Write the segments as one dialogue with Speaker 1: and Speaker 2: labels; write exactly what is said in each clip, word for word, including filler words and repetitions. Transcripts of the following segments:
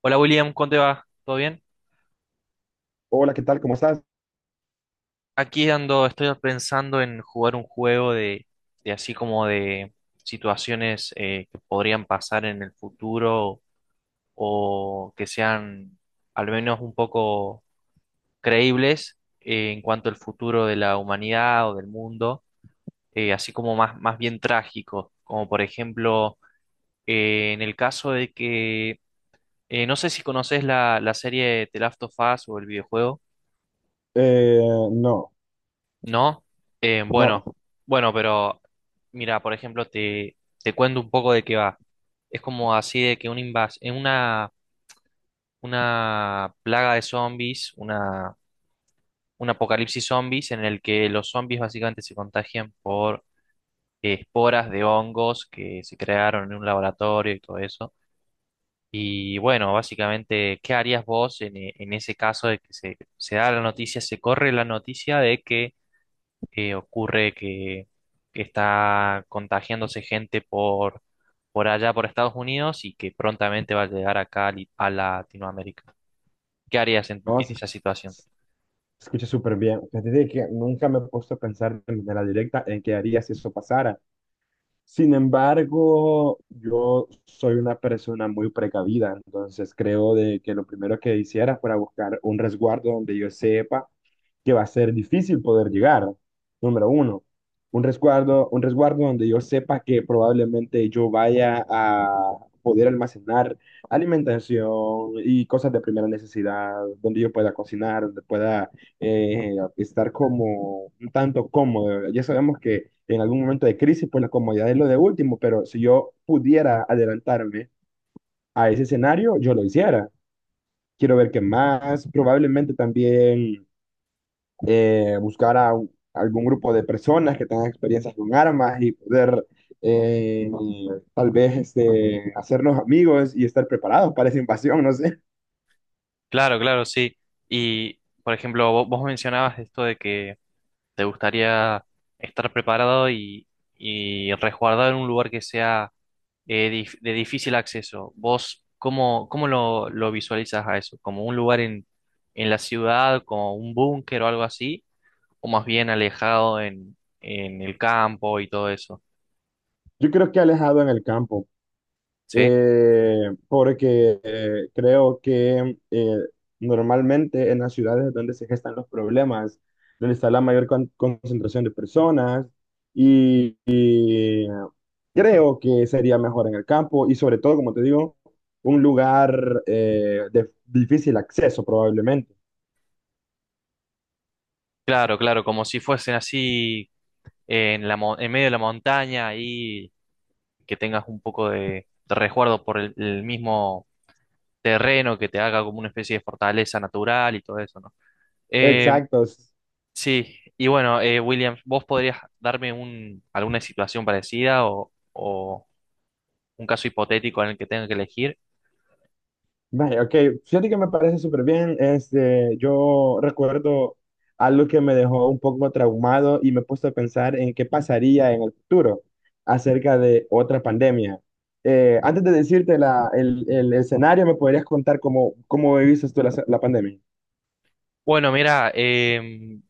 Speaker 1: Hola William, ¿cómo te va? ¿Todo bien?
Speaker 2: Hola, ¿qué tal? ¿Cómo estás?
Speaker 1: Aquí ando, estoy pensando en jugar un juego de, de así como de situaciones, eh, que podrían pasar en el futuro o que sean al menos un poco creíbles, eh, en cuanto al futuro de la humanidad o del mundo, eh, así como más, más bien trágico, como por ejemplo eh, en el caso de que, eh, no sé si conoces la, la serie The Last of Us o el videojuego.
Speaker 2: Eh, no,
Speaker 1: No, eh, bueno,
Speaker 2: no,
Speaker 1: bueno, pero mira, por ejemplo, te, te cuento un poco de qué va. Es como así de que un invas en una, una plaga de zombies, una, un apocalipsis zombies en el que los zombies básicamente se contagian por eh, esporas de hongos que se crearon en un laboratorio y todo eso. Y bueno, básicamente, ¿qué harías vos en, e- en ese caso de que se, se da la noticia, se corre la noticia de que eh, ocurre que, que está contagiándose gente por, por allá, por Estados Unidos, y que prontamente va a llegar acá a Li- a Latinoamérica? ¿Qué harías en,
Speaker 2: no,
Speaker 1: en
Speaker 2: se
Speaker 1: esa situación?
Speaker 2: se escucha súper bien. Fíjate de que nunca me he puesto a pensar de manera directa en qué haría si eso pasara. Sin embargo, yo soy una persona muy precavida, entonces creo de que lo primero que hiciera fuera buscar un resguardo donde yo sepa que va a ser difícil poder llegar. Número uno, un resguardo, un resguardo donde yo sepa que probablemente yo vaya a poder almacenar alimentación y cosas de primera necesidad, donde yo pueda cocinar, donde pueda eh, estar como tanto cómodo. Ya sabemos que en algún momento de crisis, pues la comodidad es lo de último, pero si yo pudiera adelantarme a ese escenario, yo lo hiciera. Quiero ver qué más, probablemente también eh, buscar a un- algún grupo de personas que tengan experiencias con armas y poder eh, tal vez este, hacernos amigos y estar preparados para esa invasión, no sé.
Speaker 1: Claro, claro, sí. Y, por ejemplo, vo- vos mencionabas esto de que te gustaría estar preparado y, y resguardado en un lugar que sea, eh, dif- de difícil acceso. ¿Vos cómo, cómo lo, lo visualizas a eso? ¿Como un lugar en, en la ciudad, como un búnker o algo así, o más bien alejado en, en el campo y todo eso?
Speaker 2: Yo creo que alejado en el campo.
Speaker 1: ¿Sí?
Speaker 2: Eh, porque eh, creo que eh, normalmente en las ciudades es donde se gestan los problemas, donde está la mayor con- concentración de personas y, y creo que sería mejor en el campo y sobre todo, como te digo, un lugar eh, de difícil acceso probablemente.
Speaker 1: Claro, claro, como si fuesen así, eh, en la, mon- en medio de la montaña y que tengas un poco de, de resguardo por el, el mismo terreno que te haga como una especie de fortaleza natural y todo eso, ¿no? Eh,
Speaker 2: Exacto.
Speaker 1: sí. Y bueno, eh, William, ¿vos podrías darme un, alguna situación parecida o, o un caso hipotético en el que tenga que elegir?
Speaker 2: Vaya, ok, fíjate que me parece súper bien. Este, yo recuerdo algo que me dejó un poco traumado y me he puesto a pensar en qué pasaría en el futuro acerca de otra pandemia. Eh, antes de decirte la- el, el- el escenario, ¿me podrías contar cómo, cómo viviste tú la, la pandemia?
Speaker 1: Bueno, mira, em,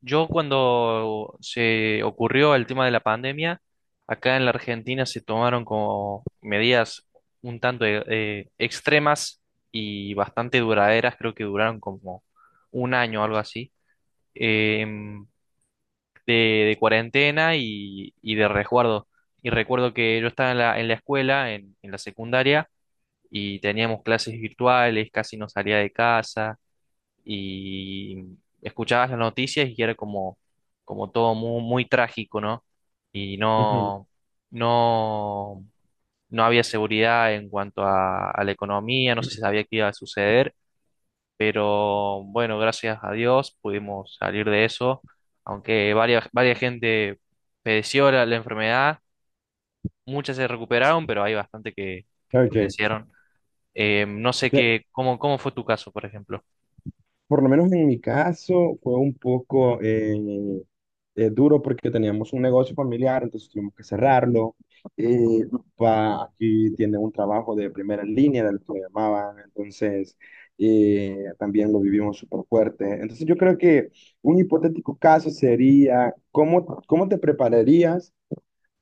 Speaker 1: yo cuando se ocurrió el tema de la pandemia, acá en la Argentina se tomaron como medidas un tanto, eh, eh, extremas y bastante duraderas. Creo que duraron como un año o algo así, em, de, de cuarentena y, y de resguardo. Y recuerdo que yo estaba en la, en la escuela, en, en la secundaria, y teníamos clases virtuales, casi no salía de casa y escuchabas las noticias y era como, como todo muy, muy trágico, ¿no? Y
Speaker 2: Ujú.
Speaker 1: no, no, no había seguridad en cuanto a, a la economía. No se sabía qué iba a suceder, pero bueno, gracias a Dios pudimos salir de eso, aunque varias, varias gente padeció la, la enfermedad. Muchas se recuperaron, pero hay bastante que
Speaker 2: Ok.
Speaker 1: fallecieron. Eh, no sé qué, cómo, cómo fue tu caso, por ejemplo.
Speaker 2: Por lo menos en mi caso fue un poco eh, eh, duro porque teníamos un negocio familiar, entonces tuvimos que cerrarlo. Eh, mi papá aquí tiene un trabajo de primera línea, del que lo llamaban, entonces eh, también lo vivimos súper fuerte. Entonces yo creo que un hipotético caso sería, ¿cómo, cómo te prepararías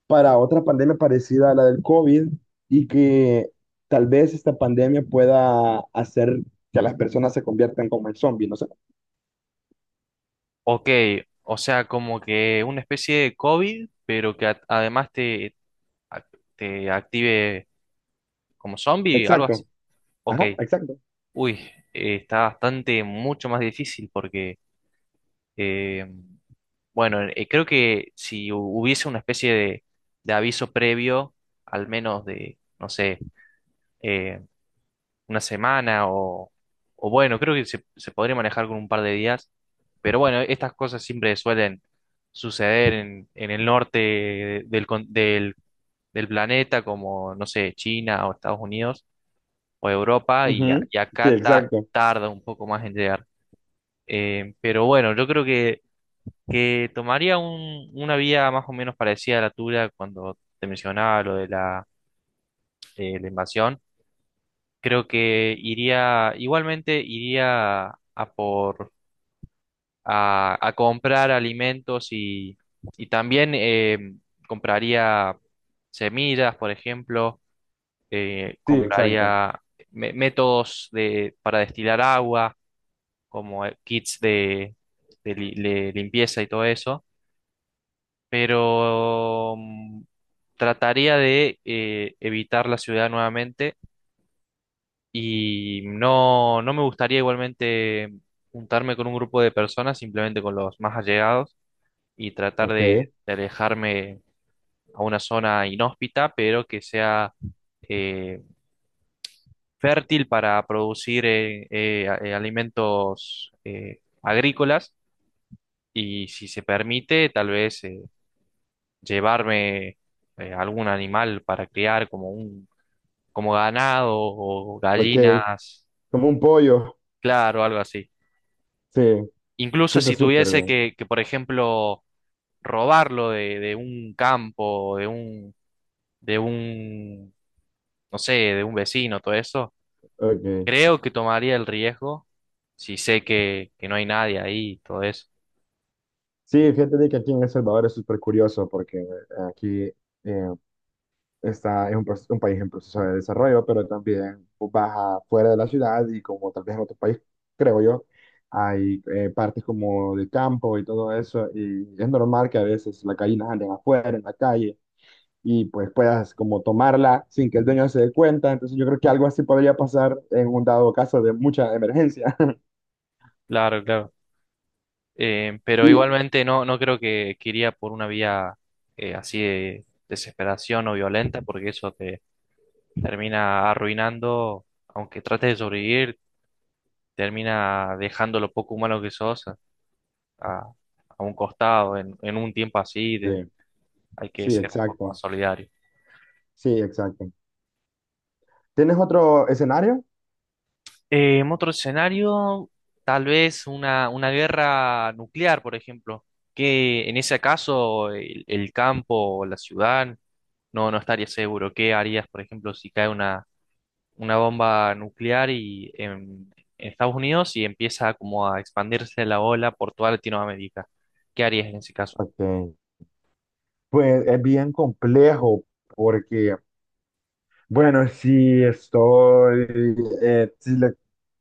Speaker 2: para otra pandemia parecida a la del COVID y que tal vez esta pandemia pueda hacer que las personas se conviertan como en zombies? No sé.
Speaker 1: Ok, o sea, como que una especie de COVID, pero que a- además te, a- te active como zombie, algo así.
Speaker 2: Exacto.
Speaker 1: Ok,
Speaker 2: Ajá, exacto.
Speaker 1: uy, eh, está bastante mucho más difícil porque, eh, bueno, eh, creo que si hu- hubiese una especie de, de aviso previo, al menos de, no sé, eh, una semana o, o bueno, creo que se, se podría manejar con un par de días. Pero bueno, estas cosas siempre suelen suceder en, en el norte del, con- del, del planeta, como, no sé, China o Estados Unidos o Europa, y, a-
Speaker 2: Ujú.
Speaker 1: y
Speaker 2: Sí,
Speaker 1: acá ta-
Speaker 2: exacto.
Speaker 1: tarda un poco más en llegar. Eh, pero bueno, yo creo que, que tomaría un- una vía más o menos parecida a la tuya cuando te mencionaba lo de la, eh, la invasión. Creo que iría, igualmente iría a por, a, a comprar alimentos y, y también eh, compraría semillas, por ejemplo. Eh,
Speaker 2: Sí, exacto.
Speaker 1: compraría me- métodos de, para destilar agua, como eh, kits de, de li- de limpieza y todo eso, pero mm, trataría de eh, evitar la ciudad nuevamente. Y no, no me gustaría igualmente juntarme con un grupo de personas, simplemente con los más allegados y tratar
Speaker 2: Ok,
Speaker 1: de, de alejarme a una zona inhóspita, pero que sea eh, fértil para producir eh, eh, a- eh, alimentos eh, agrícolas. Y si se permite, tal vez eh, llevarme eh, algún animal para criar, como un, como ganado o
Speaker 2: ok.
Speaker 1: gallinas,
Speaker 2: Como un pollo.
Speaker 1: claro, algo así.
Speaker 2: Sí, sí
Speaker 1: Incluso
Speaker 2: está
Speaker 1: si
Speaker 2: súper
Speaker 1: tuviese
Speaker 2: bien.
Speaker 1: que, que, por ejemplo, robarlo de, de un campo, de un, de un, no sé, de un vecino, todo eso,
Speaker 2: Ok.
Speaker 1: creo que tomaría el riesgo si sé que, que no hay nadie ahí, todo eso.
Speaker 2: Sí, fíjate de que aquí en El Salvador es súper curioso porque eh, aquí eh, está, es un, proce- un país en proceso de desarrollo, pero también vos vas afuera de la ciudad y como tal vez en otro país, creo yo, hay eh, partes como de campo y todo eso y es normal que a veces las gallinas anden afuera, en la calle y pues puedas como tomarla sin que el dueño se dé cuenta. Entonces yo creo que algo así podría pasar en un dado caso de mucha emergencia.
Speaker 1: Claro, claro. Eh, pero
Speaker 2: Y
Speaker 1: igualmente no, no creo que, que iría por una vía eh, así de desesperación o violenta, porque eso te termina arruinando, aunque trates de sobrevivir, termina dejando lo poco humano que sos a, a un costado en, en un tiempo así, de,
Speaker 2: sí,
Speaker 1: hay que
Speaker 2: sí,
Speaker 1: ser un poco
Speaker 2: exacto.
Speaker 1: más solidario.
Speaker 2: Sí, exacto. ¿Tienes otro escenario?
Speaker 1: Eh, en otro escenario, tal vez una, una guerra nuclear, por ejemplo, que en ese caso el, el campo o la ciudad no, no estaría seguro. ¿Qué harías, por ejemplo, si cae una, una bomba nuclear y en, en Estados Unidos y empieza como a expandirse la ola por toda Latinoamérica? ¿Qué harías en ese caso?
Speaker 2: Ok. Pues es bien complejo porque, bueno, si estoy, eh, si la,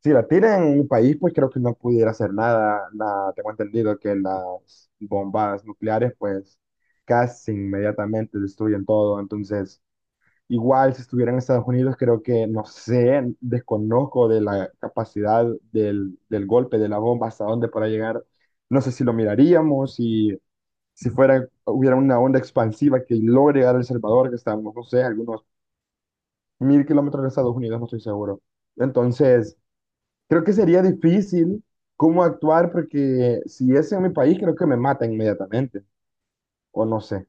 Speaker 2: si la tiran en un país, pues creo que no pudiera hacer nada. Nada, tengo entendido que las bombas nucleares, pues casi inmediatamente destruyen todo. Entonces, igual, si estuviera en Estados Unidos, creo que, no sé, desconozco de la capacidad del, del golpe, de la bomba, hasta dónde podrá llegar. No sé si lo miraríamos, si, si fuera, hubiera una onda expansiva que logre llegar a El Salvador, que estamos, no sé, algunos mil kilómetros de Estados Unidos, no estoy seguro. Entonces, creo que sería difícil cómo actuar, porque si es en mi país, creo que me mata inmediatamente, o no sé.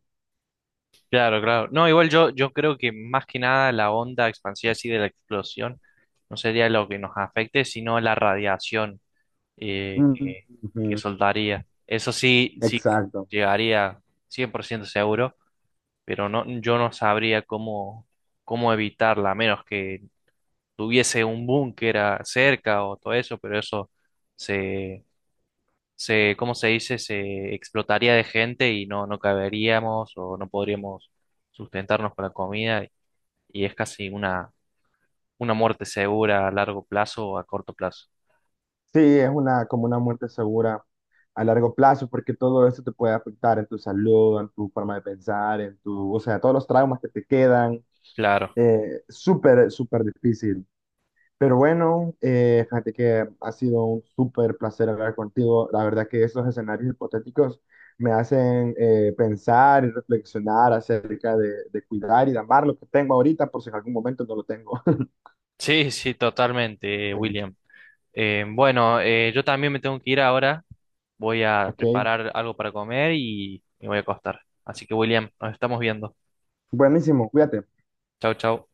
Speaker 1: Claro, claro. No, igual yo, yo creo que más que nada la onda expansiva así de la explosión no sería lo que nos afecte, sino la radiación, eh,
Speaker 2: Mm,
Speaker 1: que, que
Speaker 2: ujú,
Speaker 1: soltaría. Eso sí, sí
Speaker 2: exacto.
Speaker 1: llegaría cien por ciento seguro, pero no, yo no sabría cómo, cómo evitarla, a menos que tuviese un búnker a- cerca o todo eso, pero eso se, se, ¿cómo se dice? Se explotaría de gente y no, no caberíamos o no podríamos sustentarnos con la comida, y es casi una, una muerte segura a largo plazo o a corto plazo.
Speaker 2: Sí, es una, como una muerte segura a largo plazo, porque todo eso te puede afectar en tu salud, en tu forma de pensar, en tu, o sea, todos los traumas que te quedan,
Speaker 1: Claro.
Speaker 2: eh, súper, súper difícil. Pero bueno, eh, fíjate que ha sido un súper placer hablar contigo. La verdad que esos escenarios hipotéticos me hacen eh, pensar y reflexionar acerca de, de cuidar y de amar lo que tengo ahorita, por si en algún momento no lo tengo.
Speaker 1: Sí, sí, totalmente, eh,
Speaker 2: Sí,
Speaker 1: William. Eh, bueno, eh, yo también me tengo que ir ahora. Voy a
Speaker 2: ok,
Speaker 1: preparar algo para comer y me voy a acostar. Así que, William, nos estamos viendo.
Speaker 2: buenísimo, cuídate.
Speaker 1: Chau, chau.